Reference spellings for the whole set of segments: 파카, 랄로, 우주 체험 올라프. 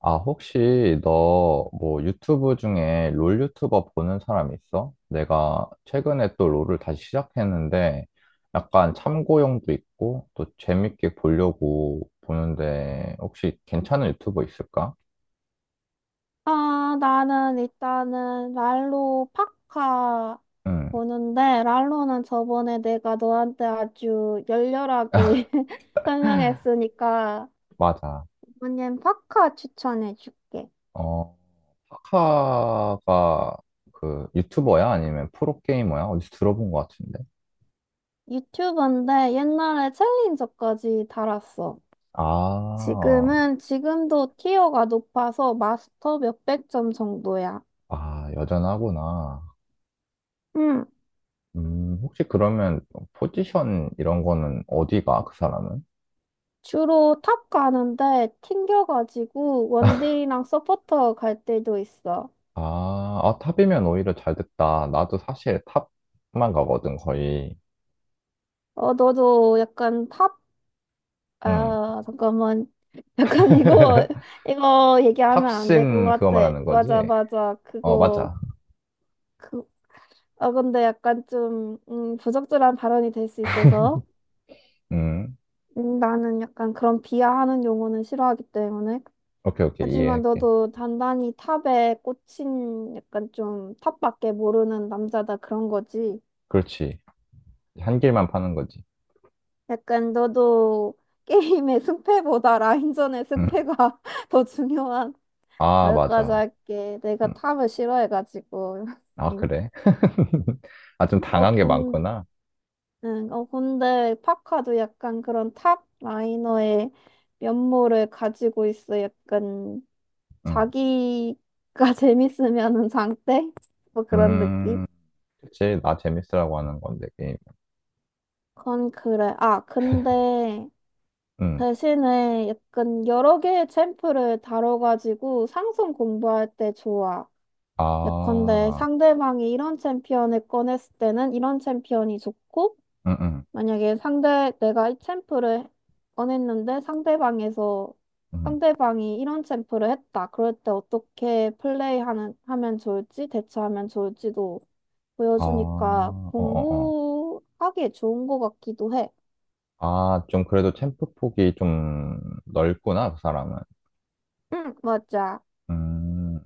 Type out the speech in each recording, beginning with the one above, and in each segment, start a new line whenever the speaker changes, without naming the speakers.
아, 혹시 너 뭐 유튜브 중에 롤 유튜버 보는 사람 있어? 내가 최근에 또 롤을 다시 시작했는데 약간 참고용도 있고 또 재밌게 보려고 보는데 혹시 괜찮은 유튜버 있을까?
아, 나는 일단은 랄로 파카
응,
보는데, 랄로는 저번에 내가 너한테 아주 열렬하게 설명했으니까,
맞아.
이번엔 파카 추천해줄게.
어, 하카가 그 유튜버야? 아니면 프로게이머야? 어디서 들어본 것 같은데?
유튜브인데 옛날에 챌린저까지 달았어.
아,
지금도 티어가 높아서 마스터 몇백 점 정도야.
아, 여전하구나.
응.
혹시 그러면 포지션 이런 거는 어디가, 그 사람은?
주로 탑 가는데 튕겨가지고 원딜이랑 서포터 갈 때도 있어.
아, 아, 탑이면 오히려 잘 됐다. 나도 사실 탑만 가거든, 거의.
어, 너도
응.
잠깐만. 약간 이거, 이거 얘기하면 안 될 것
탑신 그거
같아.
말하는
맞아,
거지?
맞아.
어, 맞아.
그, 근데 약간 좀, 부적절한 발언이 될 수 있어서,
음,
나는 약간 그런 비하하는 용어는 싫어하기 때문에.
오케이, 오케이.
하지만
이해할게.
너도 단단히 탑에 꽂힌 약간 좀 탑밖에 모르는 남자다 그런 거지.
그렇지. 한 길만 파는 거지.
약간 너도 게임의 승패보다 라인전의
음.
승패가 더 중요한
아,
여기까지
맞아.
할게. 내가
음.
탑을 싫어해가지고.
아,
응.
그래? 아, 좀
어,
당한 게
군,
많구나.
응, 어, 근데 파카도 약간 그런 탑 라이너의 면모를 가지고 있어. 약간
음.
자기가 재밌으면은 장땡? 뭐 그런 느낌?
음. 그치. 나 재밌으라고 하는 건데, 게임.
그건 그래. 아, 근데
음.
대신에 약간 여러 개의 챔프를 다뤄가지고 상성 공부할 때 좋아. 예컨대
아,
상대방이 이런 챔피언을 꺼냈을 때는 이런 챔피언이 좋고
응, 응.
만약에 상대, 내가 이 챔프를 꺼냈는데 상대방에서,
응.
상대방이 이런 챔프를 했다. 그럴 때 어떻게 하면 좋을지, 대처하면 좋을지도
아,
보여주니까
어어어.
공부하기에 좋은 것 같기도 해.
아, 좀 그래도 챔프 폭이 좀 넓구나, 그 사람은.
응, 맞아.
음,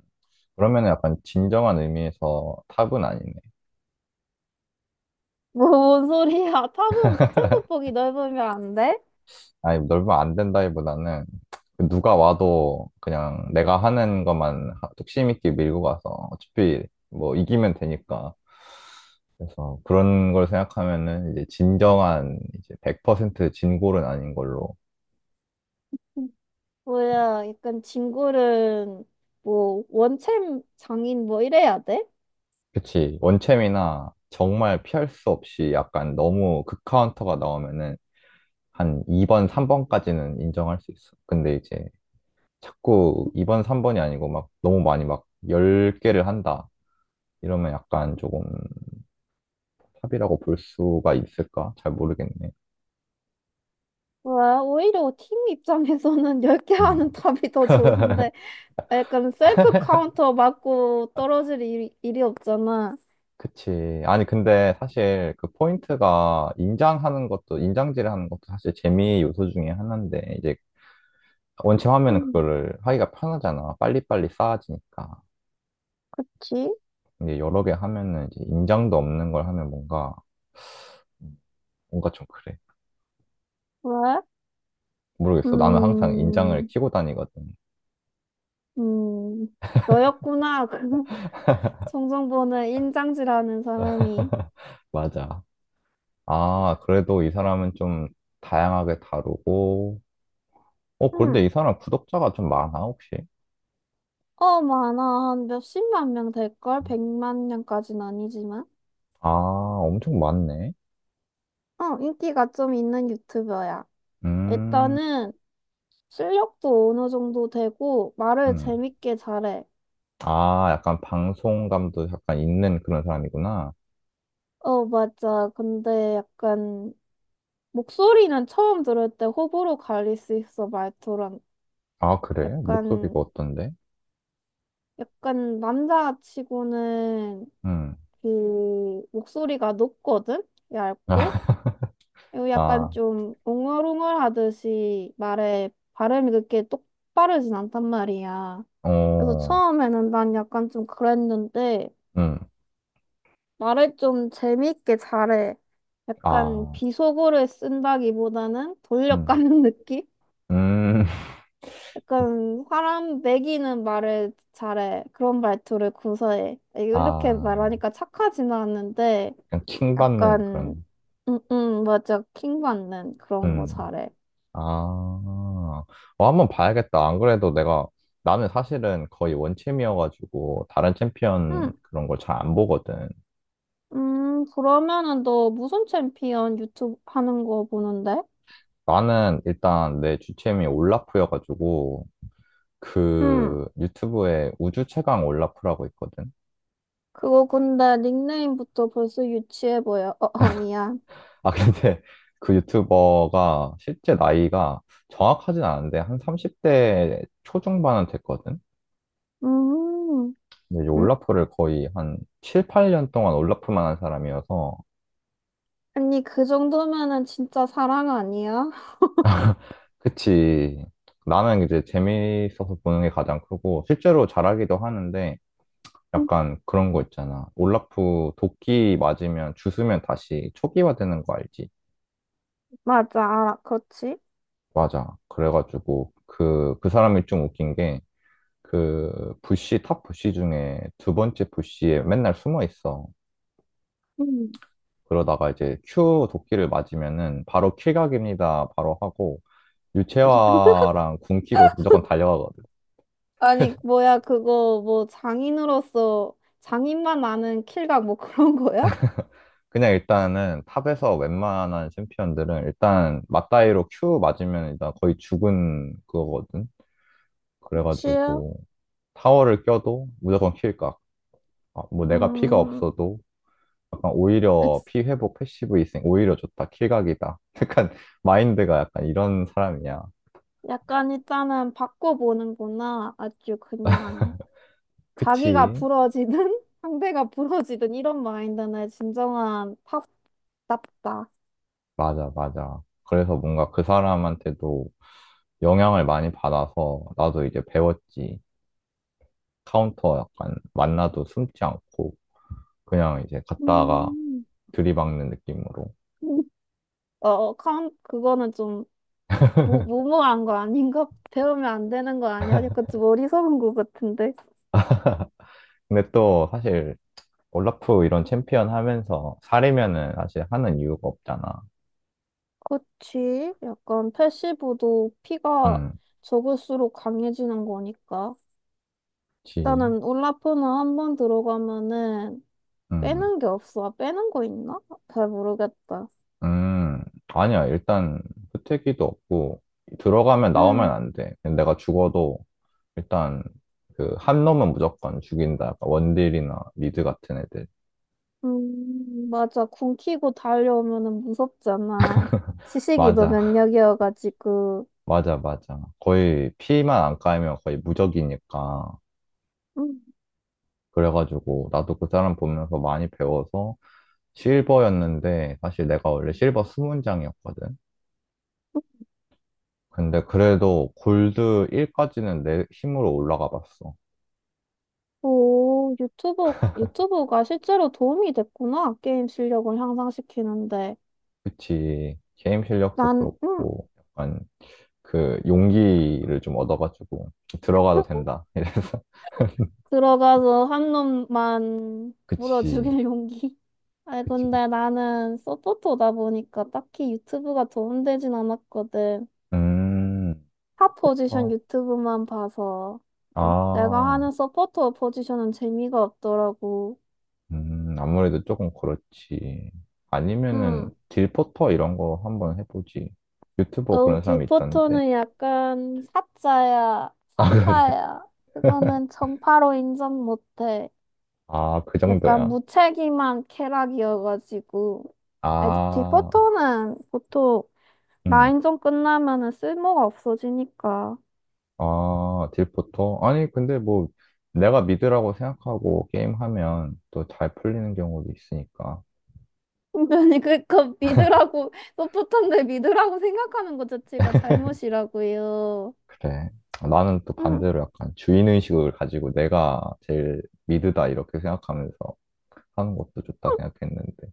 그러면은 약간 진정한 의미에서 탑은 아니네.
뭔 소리야. 탑은 챔프 폭이 넓으면 안 돼?
아니, 넓으면 안 된다기보다는 그 누가 와도 그냥 내가 하는 것만 뚝심 있게 밀고 가서 어차피 뭐 이기면 되니까. 그래서 그런 걸 생각하면은 이제 진정한 이제 100% 진골은 아닌 걸로.
뭐야, 약간 진골은 뭐, 원챔 장인 뭐 이래야 돼?
그치. 원챔이나 정말 피할 수 없이 약간 너무 극카운터가 나오면은 한 2번, 3번까지는 인정할 수 있어. 근데 이제 자꾸 2번, 3번이 아니고 막 너무 많이 막 10개를 한다. 이러면 약간 조금 탑이라고 볼 수가 있을까? 잘 모르겠네.
와, 오히려 팀 입장에서는 10개
음.
하는 답이 더 좋은데, 약간 셀프 카운터 맞고 떨어질 일이 없잖아.
그치. 아니, 근데 사실 그 포인트가 인장하는 것도, 인장질을 하는 것도 사실 재미의 요소 중에 하나인데, 이제 원체 하면은
음,
그거를 하기가 편하잖아. 빨리빨리 쌓아지니까.
그치?
근데 여러 개 하면은 이제 인장도 없는 걸 하면 뭔가, 뭔가 좀 그래.
왜?
모르겠어. 나는 항상 인장을
음,
키고 다니거든.
음, 너였구나. 그 송정보는 인장질하는 사람이.
맞아. 아, 그래도 이 사람은 좀 다양하게 다루고, 어,
응,
그런데 이 사람 구독자가 좀 많아, 혹시?
어, 많아. 한 몇십만 명 될걸? 백만 명까지는 아니지만.
아, 엄청 많네.
어, 인기가 좀 있는 유튜버야.
음,
일단은 실력도 어느 정도 되고, 말을
음.
재밌게 잘해.
아, 약간 방송감도 약간 있는 그런 사람이구나.
어, 맞아. 근데 약간 목소리는 처음 들을 때 호불호 갈릴 수 있어, 말투랑.
아, 그래?
약간,
목소리가 어떤데?
약간 남자치고는
음.
그 목소리가 높거든? 얇고. 그리고 약간
아,
좀 웅얼웅얼 하듯이 말에 발음이 그렇게 똑바르진 않단 말이야. 그래서
어,
처음에는 난 약간 좀 그랬는데
음.
말을 좀 재밌게 잘해. 약간
아,
비속어를 쓴다기보다는
음.
돌려까는 느낌?
음.
약간 사람 매기는 말을 잘해. 그런 말투를 구사해. 이렇게
아,
말하니까 착하지는 않는데
약간 킹받는
약간
그런,
맞아. 킹 받는 그런 거
음.
잘해.
아, 어, 한번 봐야겠다. 안 그래도 내가, 나는 사실은 거의 원챔이어가지고, 다른 챔피언
음,
그런 걸 잘 안 보거든.
그러면은 너 무슨 챔피언 유튜브 하는 거 보는데?
나는 일단 내 주챔이 올라프여가지고,
음,
그 유튜브에 우주 최강 올라프라고 있거든.
그거 근데 닉네임부터 벌써 유치해 보여. 어, 어 미안.
아, 근데 그 유튜버가 실제 나이가 정확하진 않은데, 한 30대 초중반은 됐거든.
음,
근데 이제
음?
올라프를 거의 한 7, 8년 동안 올라프만 한 사람이어서,
아니 그 정도면은 진짜 사랑 아니야?
그치. 나는 이제 재미있어서 보는 게 가장 크고, 실제로 잘하기도 하는데, 약간 그런 거 있잖아. 올라프 도끼 맞으면, 주스면 다시 초기화되는 거 알지?
맞아, 알아. 그렇지?
맞아. 그래가지고, 그 사람이 좀 웃긴 게, 부시, 탑 부시 중에 두 번째 부시에 맨날 숨어 있어.
음.
그러다가 이제 Q 도끼를 맞으면은, 바로 킬각입니다. 바로 하고, 유채화랑 궁 키고 무조건 달려가거든.
아니, 장인으로서, 장인만 아는 킬각, 뭐, 그런 거야?
그냥 일단은 탑에서 웬만한 챔피언들은 일단 맞다이로 Q 맞으면 일단 거의 죽은 그거거든.
그치?
그래가지고 타워를 껴도 무조건 킬각. 아, 뭐 내가 피가
음,
없어도 약간 오히려
그치.
피 회복 패시브 있으니 오히려 좋다. 킬각이다. 약간 마인드가 약간 이런 사람이야.
약간 일단은 바꿔보는구나. 아주 그냥, 자기가
그치?
부러지든, 상대가 부러지든, 이런 마인드는 진정한 탑답다.
맞아, 맞아. 그래서 뭔가 그 사람한테도 영향을 많이 받아서 나도 이제 배웠지. 카운터 약간 만나도 숨지 않고. 그냥 이제 갔다가
음,
들이박는 느낌으로.
그거는 좀, 무모한 거 아닌가? 배우면 안 되는 거 아니야? 약간 좀 어리석은 거 같은데.
근데 또 사실 올라프 이런 챔피언 하면서 사리면은 사실 하는 이유가 없잖아.
그치? 약간 패시브도 피가
음,
적을수록 강해지는 거니까.
지,
일단은 울라프는 한 번 들어가면은
음,
빼는 게 없어. 아, 빼는 거 있나? 잘 모르겠다.
음. 아니야. 일단 후퇴기도 없고 들어가면
응,
나오면 안 돼. 내가 죽어도 일단 그 한 놈은 무조건 죽인다. 약간 원딜이나 미드 같은 애들.
맞아. 굶기고 달려오면은 무섭잖아. 시식이 도
맞아,
면역이어가지고.
맞아, 맞아. 거의 피만 안 까이면 거의 무적이니까.
음.
그래가지고 나도 그 사람 보면서 많이 배워서 실버였는데 사실 내가 원래 실버 수문장이었거든. 근데 그래도 골드 1까지는 내 힘으로 올라가 봤어.
오, 유튜브가 실제로 도움이 됐구나. 게임 실력을 향상시키는데.
그치. 게임 실력도
난, 음, 음.
그렇고 약간 그 용기를 좀 얻어가지고 들어가도 된다. 이래서
들어가서 한 놈만 물어
그치.
죽일 용기. 아,
그치.
근데 나는 서포터다 보니까 딱히 유튜브가 도움되진 않았거든.
음.
탑 포지션
첫부터.
유튜브만 봐서. 어, 내가 하는
아.
서포터 포지션은 재미가 없더라고.
아무래도 조금 그렇지. 아니면은
응.
딜포터 이런 거 한번 해보지. 유튜버
어,
그런 사람이 있던데.
디포터는 약간 사자야,
아, 그래?
사파야. 그거는 정파로 인정 못해.
아, 그
약간
정도야?
무책임한 캐락이어가지고. 아니,
아,
디포터는 보통
음.
라인전 끝나면은 쓸모가 없어지니까.
아, 딜포터? 아니, 근데 뭐 내가 미드라고 생각하고 게임하면 또 잘 풀리는 경우도 있으니까.
아니 그거 믿으라고 소프트한데 믿으라고 생각하는 것 자체가 잘못이라고요.
그래. 나는 또
응,
반대로 약간 주인의식을 가지고 내가 제일 미드다 이렇게 생각하면서 하는 것도 좋다 생각했는데.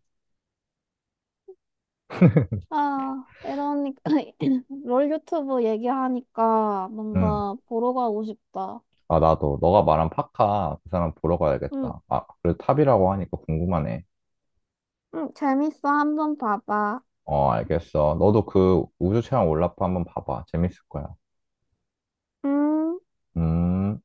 아, 이러니까 롤 유튜브 얘기하니까
음.
뭔가 보러 가고 싶다.
아, 나도. 너가 말한 파카, 그 사람 보러
응,
가야겠다. 아, 그래 탑이라고 하니까 궁금하네.
응, 재밌어. 한번 봐봐.
어, 알겠어. 너도 그 우주 체험 올라프 한번 봐봐. 재밌을 거야.
음.
음.